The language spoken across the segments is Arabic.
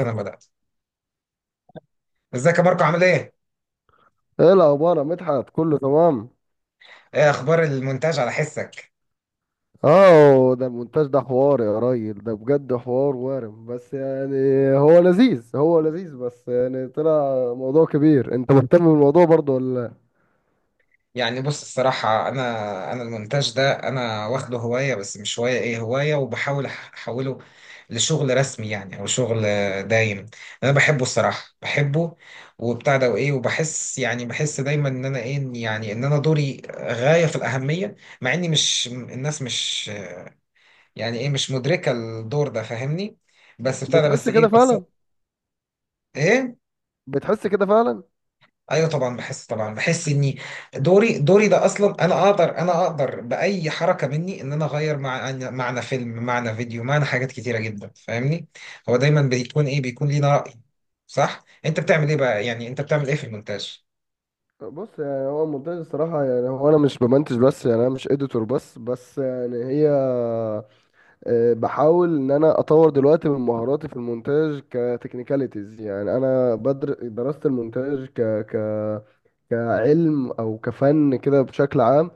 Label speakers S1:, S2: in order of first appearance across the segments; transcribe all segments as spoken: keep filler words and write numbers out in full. S1: انا بدات. ازيك يا ماركو، عامل ايه؟
S2: ايه الاخبار يا مدحت، كله تمام؟
S1: ايه اخبار المونتاج على حسك؟
S2: اه، ده المونتاج ده حوار يا راجل، ده بجد حوار وارم، بس يعني هو لذيذ، هو لذيذ. بس يعني طلع موضوع كبير. انت مهتم بالموضوع برضه ولا لأ؟
S1: يعني بص الصراحه، انا انا المونتاج ده انا واخده هوايه، بس مش هوايه، ايه هوايه، وبحاول أح- احوله لشغل رسمي، يعني او شغل دايم. انا بحبه الصراحه بحبه. وبتاع ده وايه، وبحس يعني بحس دايما ان انا ايه، يعني ان انا دوري غايه في الاهميه، مع اني مش، الناس مش، يعني ايه، مش مدركه الدور ده فاهمني، بس بتاع ده بس
S2: بتحس
S1: ايه
S2: كده
S1: بس
S2: فعلا؟
S1: ايه.
S2: بتحس كده فعلا؟
S1: ايوه طبعا بحس، طبعا بحس اني دوري، دوري ده اصلا انا اقدر، انا اقدر باي حركه مني ان انا اغير مع معنى فيلم، معنى فيديو، معنى حاجات كتيره جدا فاهمني. هو دايما بيكون ايه، بيكون لينا راي صح. انت بتعمل ايه بقى، يعني انت بتعمل ايه في المونتاج؟
S2: بص، يعني هو المونتاج الصراحة، يعني هو أنا مش بمنتج بس، يعني أنا مش إديتور بس بس يعني هي. آه، بحاول إن أنا أطور دلوقتي من مهاراتي في المونتاج كتكنيكاليتيز. يعني أنا بدر درست المونتاج ك ك كعلم او كفن كده بشكل عام.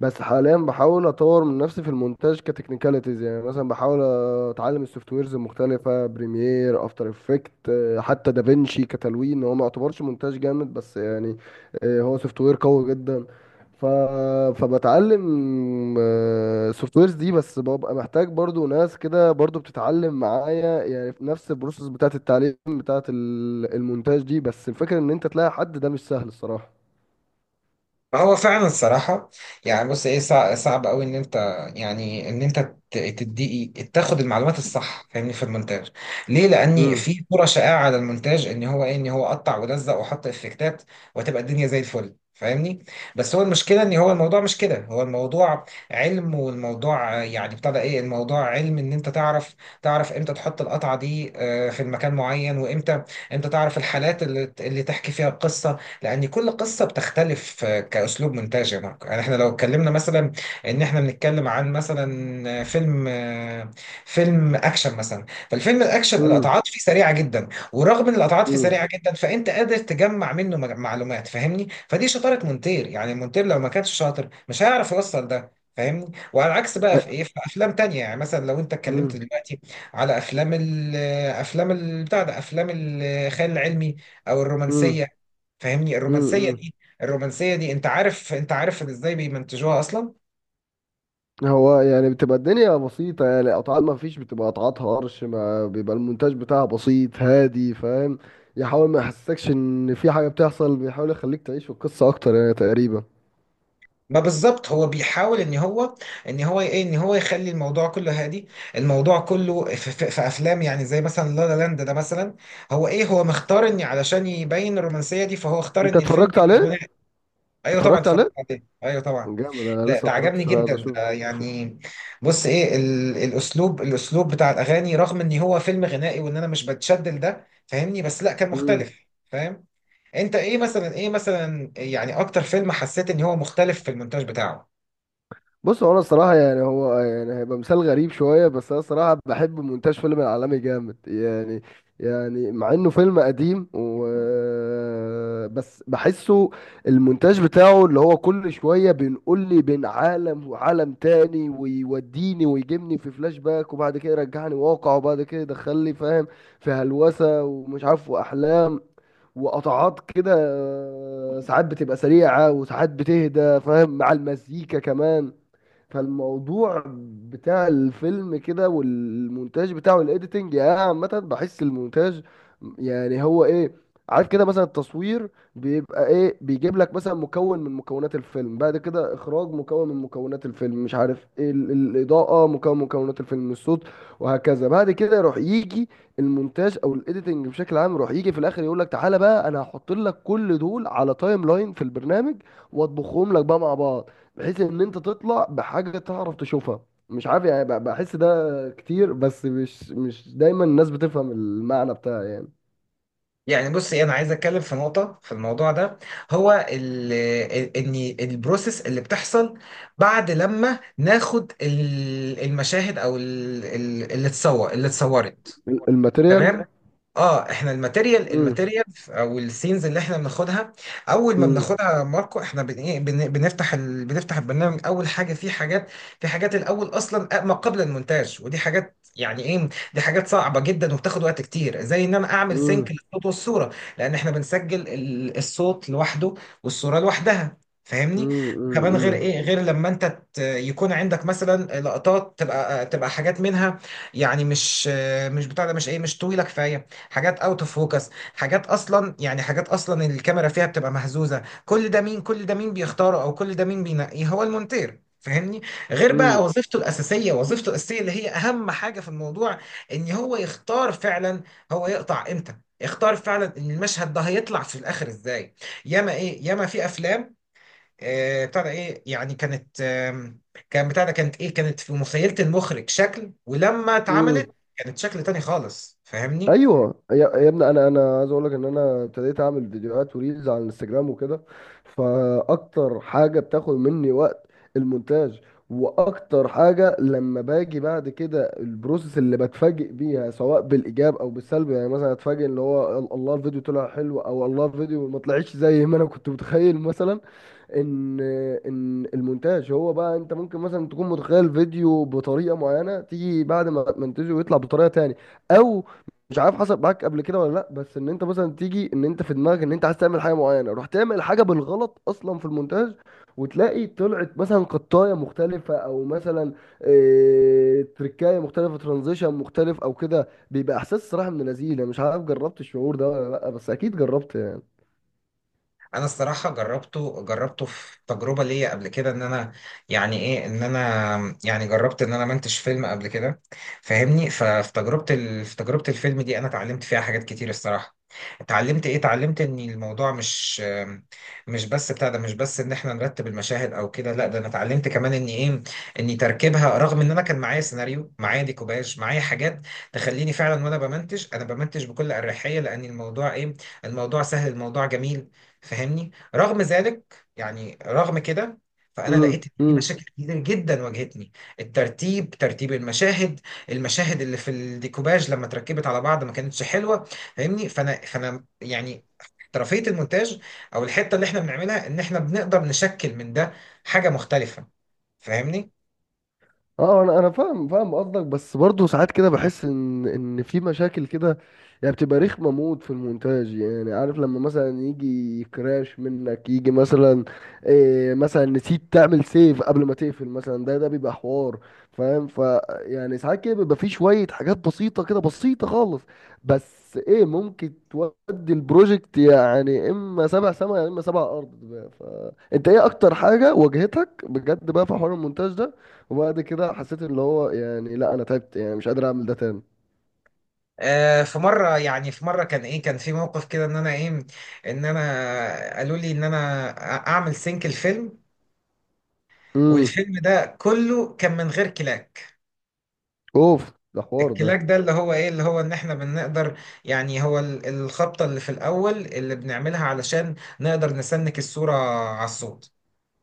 S2: بس حاليا بحاول اطور من نفسي في المونتاج كتكنيكاليتيز، يعني مثلا بحاول اتعلم السوفت ويرز المختلفه، بريمير، افتر افكت، حتى دافينشي كتلوين. هو ما يعتبرش مونتاج جامد بس يعني، آه، هو سوفت وير قوي جدا. ف... فبتعلم السوفت ويرز دي. بس ببقى محتاج برضو ناس كده برضو بتتعلم معايا، يعني في نفس البروسيس بتاعت التعليم بتاعت ال- المونتاج دي. بس الفكرة ان انت تلاقي حد، ده مش سهل الصراحة.
S1: هو فعلا الصراحة. يعني بص ايه، صع- صعب قوي ان انت، يعني ان انت ت- تدي، تاخد المعلومات الصح فاهمني في المونتاج. ليه؟ لاني
S2: امم.
S1: في صورة شائعة على المونتاج، ان هو ايه، ان هو قطع ولزق وحط افكتات، وتبقى الدنيا زي الفل فاهمني. بس هو المشكلة ان هو الموضوع مش كده، هو الموضوع علم، والموضوع آه، يعني بتاع ده ايه، الموضوع علم ان انت تعرف، تعرف امتى تحط القطعة دي، آه، في المكان معين، وامتى، امتى تعرف الحالات اللي اللي تحكي فيها القصة. لان كل قصه بتختلف آه، كاسلوب مونتاج يا ماركو، يعني احنا لو اتكلمنا مثلا ان احنا بنتكلم عن مثلا آه، فيلم، آه، فيلم اكشن مثلا، فالفيلم الاكشن
S2: امم.
S1: القطعات فيه سريعه جدا. ورغم ان القطعات فيه
S2: امم.
S1: سريعه جدا، فانت قادر تجمع منه مج- معلومات فاهمني، فدي شطاره مونتير، يعني مونتير لو ما كانش شاطر مش هيعرف يوصل ده. فاهمني، وعلى العكس بقى في ايه، في افلام تانية، يعني مثلا لو انت اتكلمت
S2: امم.
S1: دلوقتي على افلام ال، افلام ال- بتاع ده افلام الخيال العلمي، او
S2: امم.
S1: الرومانسيه فاهمني. الرومانسيه
S2: امم.
S1: دي، الرومانسيه دي انت عارف، انت عارف ازاي بيمنتجوها اصلا.
S2: هو يعني بتبقى الدنيا بسيطة، يعني قطعات ما فيش، بتبقى قطعات هرش، ما بيبقى المونتاج بتاعها بسيط هادي، فاهم. يحاول ما يحسسكش ان في حاجة بتحصل، بيحاول يخليك تعيش في القصة اكتر يعني تقريبا.
S1: ما بالظبط، هو بيحاول ان هو، ان هو ايه، ان هو يخلي الموضوع كله هادي. الموضوع كله في, في, في افلام، يعني زي مثلا لا لا لاند ده مثلا. هو ايه، هو مختار ان علشان يبين الرومانسيه دي، فهو اختار
S2: انت
S1: ان الفيلم
S2: اتفرجت
S1: يبقى
S2: عليه؟
S1: غنائي. ايوه طبعا
S2: اتفرجت
S1: اتفرجت
S2: عليه؟
S1: عليه، ايوه طبعا.
S2: جامد، انا
S1: ده,
S2: لسه
S1: ده عجبني
S2: اتفرجتش، انا
S1: جدا
S2: عايز اشوفه.
S1: ده يعني. بص ايه، ال الاسلوب الاسلوب بتاع الاغاني، رغم ان هو فيلم غنائي وان انا مش بتشدل ده فاهمني، بس لا كان مختلف فاهم. انت ايه مثلا، ايه مثلا، يعني اكتر فيلم حسيت ان هو مختلف في المونتاج بتاعه؟
S2: بص، هو انا الصراحه يعني هو يعني هيبقى مثال غريب شويه، بس انا الصراحه بحب مونتاج فيلم العالمي جامد يعني. يعني مع انه فيلم قديم و... بس بحسه المونتاج بتاعه، اللي هو كل شويه بينقل لي بين عالم وعالم تاني، ويوديني ويجيبني في فلاش باك، وبعد كده يرجعني واقع، وبعد كده يدخلني، فاهم، في هلوسه ومش عارف واحلام، وقطعات كده، آه، ساعات بتبقى سريعه وساعات بتهدى، فاهم، مع المزيكا كمان. فالموضوع بتاع الفيلم كده والمونتاج بتاعه الايديتنج. يعني أنا عامة بحس المونتاج، يعني هو ايه، عارف كده مثلا التصوير بيبقى ايه، بيجيب لك مثلا مكون من مكونات الفيلم، بعد كده اخراج مكون من مكونات الفيلم، مش عارف ايه ال- الاضاءة مكون من مكونات الفيلم، الصوت، وهكذا. بعد كده يروح يجي المونتاج او الايديتنج بشكل عام، يروح يجي في الاخر يقول لك، تعالى بقى انا هحط لك كل دول على تايم لاين في البرنامج، واطبخهم لك بقى مع بعض، بحيث ان انت تطلع بحاجه تعرف تشوفها، مش عارف يعني، ب- بحس ده كتير، بس مش مش دايما الناس بتفهم المعنى بتاعه يعني.
S1: يعني بص ايه، انا عايز اتكلم في نقطة في الموضوع ده. هو ال، ال- ان البروسيس اللي بتحصل بعد لما ناخد ال- المشاهد، او ال- ال- اللي اتصور اللي اتصورت،
S2: ال- الماتيريال.
S1: تمام. اه، احنا الماتيريال،
S2: امم.
S1: الماتيريال او السينز اللي احنا بناخدها. اول ما
S2: امم.
S1: بناخدها يا ماركو، احنا بن إيه، بن- بنفتح ال... بنفتح البرنامج، اول حاجه في حاجات. في حاجات الاول اصلا ما قبل المونتاج، ودي حاجات يعني ايه، دي حاجات صعبه جدا، وبتاخد وقت كتير، زي ان انا اعمل سينك
S2: امم.
S1: للصوت والصوره. لان احنا بنسجل ال- الصوت لوحده، والصوره لوحدها فاهمني. كمان غير
S2: امم.
S1: ايه، غير لما انت ت- يكون عندك مثلا لقطات، تبقى تبقى حاجات منها. يعني مش، مش بتاع ده، مش ايه، مش طويله كفايه، حاجات اوت اوف فوكس، حاجات اصلا يعني، حاجات اصلا الكاميرا فيها بتبقى مهزوزه. كل ده مين كل ده مين بيختاره، او كل ده مين بينقيه؟ هو المونتير فاهمني. غير بقى وظيفته الاساسيه، وظيفته الاساسيه اللي هي اهم حاجه في الموضوع. ان هو يختار فعلا، هو يقطع امتى، يختار فعلا ان المشهد ده هيطلع في الاخر ازاي. ياما ايه، ياما في افلام آه، بتاع ده ايه يعني، كانت، آم، كان بتاع ده كانت ايه، كانت في مخيلة المخرج شكل، ولما اتعملت
S2: امم.
S1: كانت شكل تاني خالص فاهمني.
S2: ايوه يا يا ابني، انا انا عايز اقول لك ان انا ابتديت اعمل فيديوهات وريلز على الانستجرام وكده، فاكتر حاجه بتاخد مني وقت المونتاج. واكتر حاجه لما باجي بعد كده البروسيس اللي بتفاجئ بيها، سواء بالايجاب او بالسلب. يعني مثلا اتفاجئ ان هو ال- الله الفيديو طلع حلو، او الله الفيديو ما طلعش زي ما انا كنت متخيل مثلا. ان ان المونتاج هو بقى، انت ممكن مثلا تكون متخيل فيديو بطريقه معينه، تيجي بعد ما منتجه ويطلع بطريقه تاني. او مش عارف حصل معاك قبل كده ولا لا، بس ان انت مثلا تيجي ان انت في دماغك ان انت عايز تعمل حاجه معينه، رحت تعمل حاجه بالغلط اصلا في المونتاج، وتلاقي طلعت مثلا قطايه مختلفه، او مثلا إيه، تركايه مختلفه، ترانزيشن مختلف او كده. بيبقى احساس صراحه من لذيذ، مش عارف جربت الشعور ده ولا لا، بس اكيد جربت يعني.
S1: انا الصراحه جربته، جربته في تجربه ليا قبل كده، ان انا يعني ايه، ان انا يعني جربت ان انا منتج فيلم قبل كده فاهمني. ففي تجربه ال... في تجربه الفيلم دي انا اتعلمت فيها حاجات كتير الصراحه. اتعلمت ايه، اتعلمت ان الموضوع مش، مش بس بتاع ده، مش بس ان احنا نرتب المشاهد او كده، لا ده انا اتعلمت كمان ان ايه، ان تركيبها، رغم ان انا كان معايا سيناريو، معايا ديكوباج، معايا حاجات تخليني فعلا وانا بمنتج، انا بمنتج بكل اريحيه، لان الموضوع ايه، الموضوع سهل، الموضوع جميل فاهمني. رغم ذلك يعني، رغم كده، فانا لقيت ان في
S2: امم.
S1: مشاكل كتير جدا واجهتني. الترتيب، ترتيب المشاهد، المشاهد اللي في الديكوباج لما اتركبت على بعض ما كانتش حلوه فاهمني. فانا فانا يعني احترافيه المونتاج، او الحته اللي احنا بنعملها ان احنا بنقدر نشكل من ده حاجه مختلفه فاهمني.
S2: اه، انا انا فاهم فاهم قصدك. بس برضه ساعات كده بحس ان ان في مشاكل كده، يعني بتبقى رخمه موت في المونتاج، يعني عارف لما مثلا يجي كراش منك، يجي مثلا إيه، مثلا نسيت تعمل سيف قبل ما تقفل مثلا، ده ده بيبقى حوار، فاهم. ف يعني ساعات كده بيبقى في شويه حاجات بسيطه كده، بسيطه خالص، بس ايه، ممكن تودي البروجكت. يعني اما سبع سما يا اما سبع ارض بقى. ف انت ايه اكتر حاجه واجهتك بجد بقى في حوار المونتاج ده؟ وبعد كده حسيت اللي هو يعني، لا انا تعبت، يعني مش قادر اعمل ده تاني.
S1: آه في مره، يعني في مره كان ايه، كان في موقف كده ان انا ايه، ان انا قالوا لي ان انا اعمل سينك الفيلم.
S2: امم.
S1: والفيلم ده كله كان من غير كلاك.
S2: اوف. ده حوار ده.
S1: الكلاك ده اللي هو ايه، اللي هو ان احنا بنقدر، يعني هو ال- الخبطة اللي في الاول اللي بنعملها علشان نقدر نسنك الصورة على الصوت.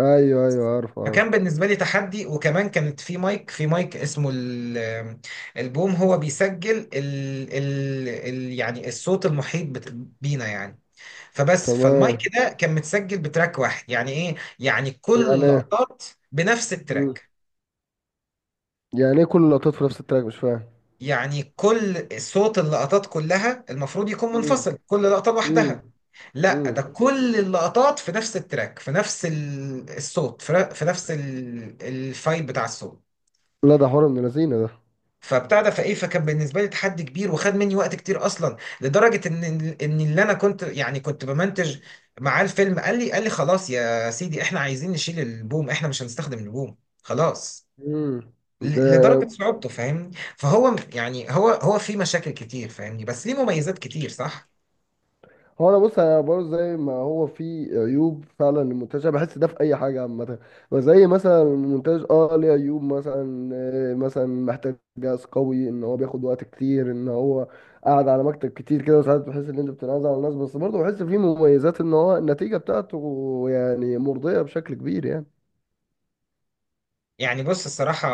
S2: ايوه، ايوه، عارف عارف.
S1: فكان بالنسبة لي تحدي، وكمان كانت في مايك، في مايك اسمه ال- البوم، هو بيسجل ال ال ال يعني الصوت المحيط بت- بينا يعني. فبس، فالمايك
S2: تمام.
S1: ده كان متسجل بتراك واحد، يعني ايه، يعني كل
S2: يعني ايه؟
S1: اللقطات بنفس
S2: مم.
S1: التراك.
S2: يعني ايه كل اللقطات في نفس التراك؟ مش فاهم.
S1: يعني كل صوت اللقطات كلها المفروض يكون
S2: امم.
S1: منفصل، كل لقطة
S2: امم.
S1: لوحدها. لا، ده
S2: امم.
S1: كل اللقطات في نفس التراك، في نفس ال- الصوت، في في نفس ال- الفايل بتاع الصوت.
S2: لا، ده حوار من اللذينه ده.
S1: فبتاع ده، فايه، فكان بالنسبه لي تحدي كبير، وخد مني وقت كتير، اصلا لدرجه ان، ان اللي انا كنت يعني كنت بمنتج معاه الفيلم، قال لي قال لي خلاص يا سيدي، احنا عايزين نشيل البوم، احنا مش هنستخدم البوم خلاص،
S2: امم.
S1: ل- لدرجة صعوبته فاهمني. فهو م- يعني هو، هو في مشاكل كتير فاهمني، بس ليه مميزات كتير صح.
S2: هو انا بص، انا برضه زي ما هو في عيوب فعلا للمونتاج، انا بحس ده في اي حاجه عامه. وزي مثلا المونتاج، اه ليه عيوب مثلا، آه، مثلا محتاج جهاز قوي، ان هو بياخد وقت كتير، ان هو قاعد على مكتب كتير كده، وساعات بتحس ان انت بتنازل على الناس. بس برضه بحس فيه مميزات، ان هو النتيجه بتاعته يعني مرضيه بشكل كبير يعني.
S1: يعني بص الصراحة،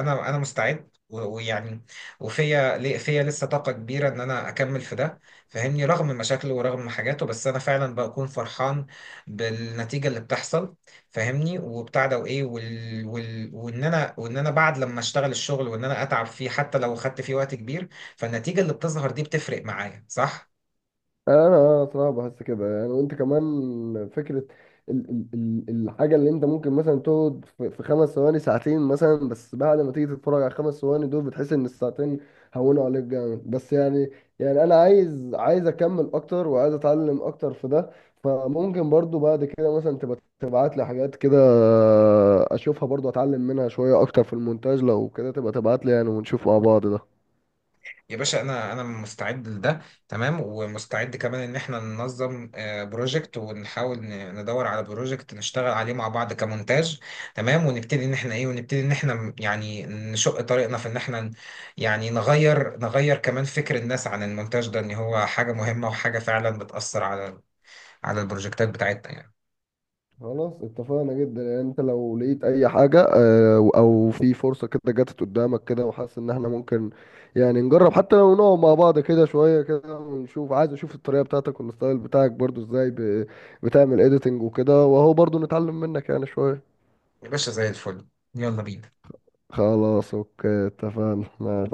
S1: أنا أنا مستعد، و- ويعني، وفيا لي- فيا لسه طاقة كبيرة إن أنا أكمل في ده فاهمني. رغم مشاكله ورغم حاجاته، بس أنا فعلا بكون فرحان بالنتيجة اللي بتحصل فاهمني. وبتاع ده وإيه وال... وال... وإن أنا وإن أنا بعد لما أشتغل الشغل، وإن أنا أتعب فيه حتى لو خدت فيه وقت كبير، فالنتيجة اللي بتظهر دي بتفرق معايا صح.
S2: انا صراحه بحس كده يعني. وانت كمان فكره ال ال ال الحاجه، اللي انت ممكن مثلا تقعد في في خمس ثواني، ساعتين مثلا، بس بعد ما تيجي تتفرج على الخمس ثواني دول، بتحس ان الساعتين هونوا عليك جامد. بس يعني، يعني انا عايز عايز اكمل اكتر، وعايز اتعلم اكتر في ده. فممكن برضو بعد كده مثلا تبقى تبعت لي حاجات كده، اشوفها برضو اتعلم منها شويه اكتر في المونتاج. لو كده تبقى تبعت لي يعني، ونشوف مع بعض ده.
S1: يا باشا، انا انا مستعد لده تمام، ومستعد كمان ان احنا ننظم، آه، بروجكت، ونحاول ن- ندور على بروجكت نشتغل عليه مع بعض كمونتاج تمام. ونبتدي ان احنا ايه، ونبتدي ان احنا م- يعني نشق طريقنا في ان احنا ن- يعني نغير، نغير كمان فكر الناس عن المونتاج ده، ان هو حاجة مهمة، وحاجة فعلا بتأثر على، على البروجكتات بتاعتنا يعني.
S2: خلاص اتفقنا جدا يعني. انت لو لقيت اي حاجة، آه، او في فرصة كده جاتت قدامك كده، وحاسس ان احنا ممكن يعني نجرب، حتى لو نقعد مع بعض كده شوية كده ونشوف. عايز اشوف الطريقة بتاعتك والستايل بتاعك برضو، ازاي ب- بتعمل اديتنج وكده، واهو برضو نتعلم منك يعني شوية.
S1: يا باشا زي الفل، يلا بينا.
S2: خلاص، اوكي، اتفقنا.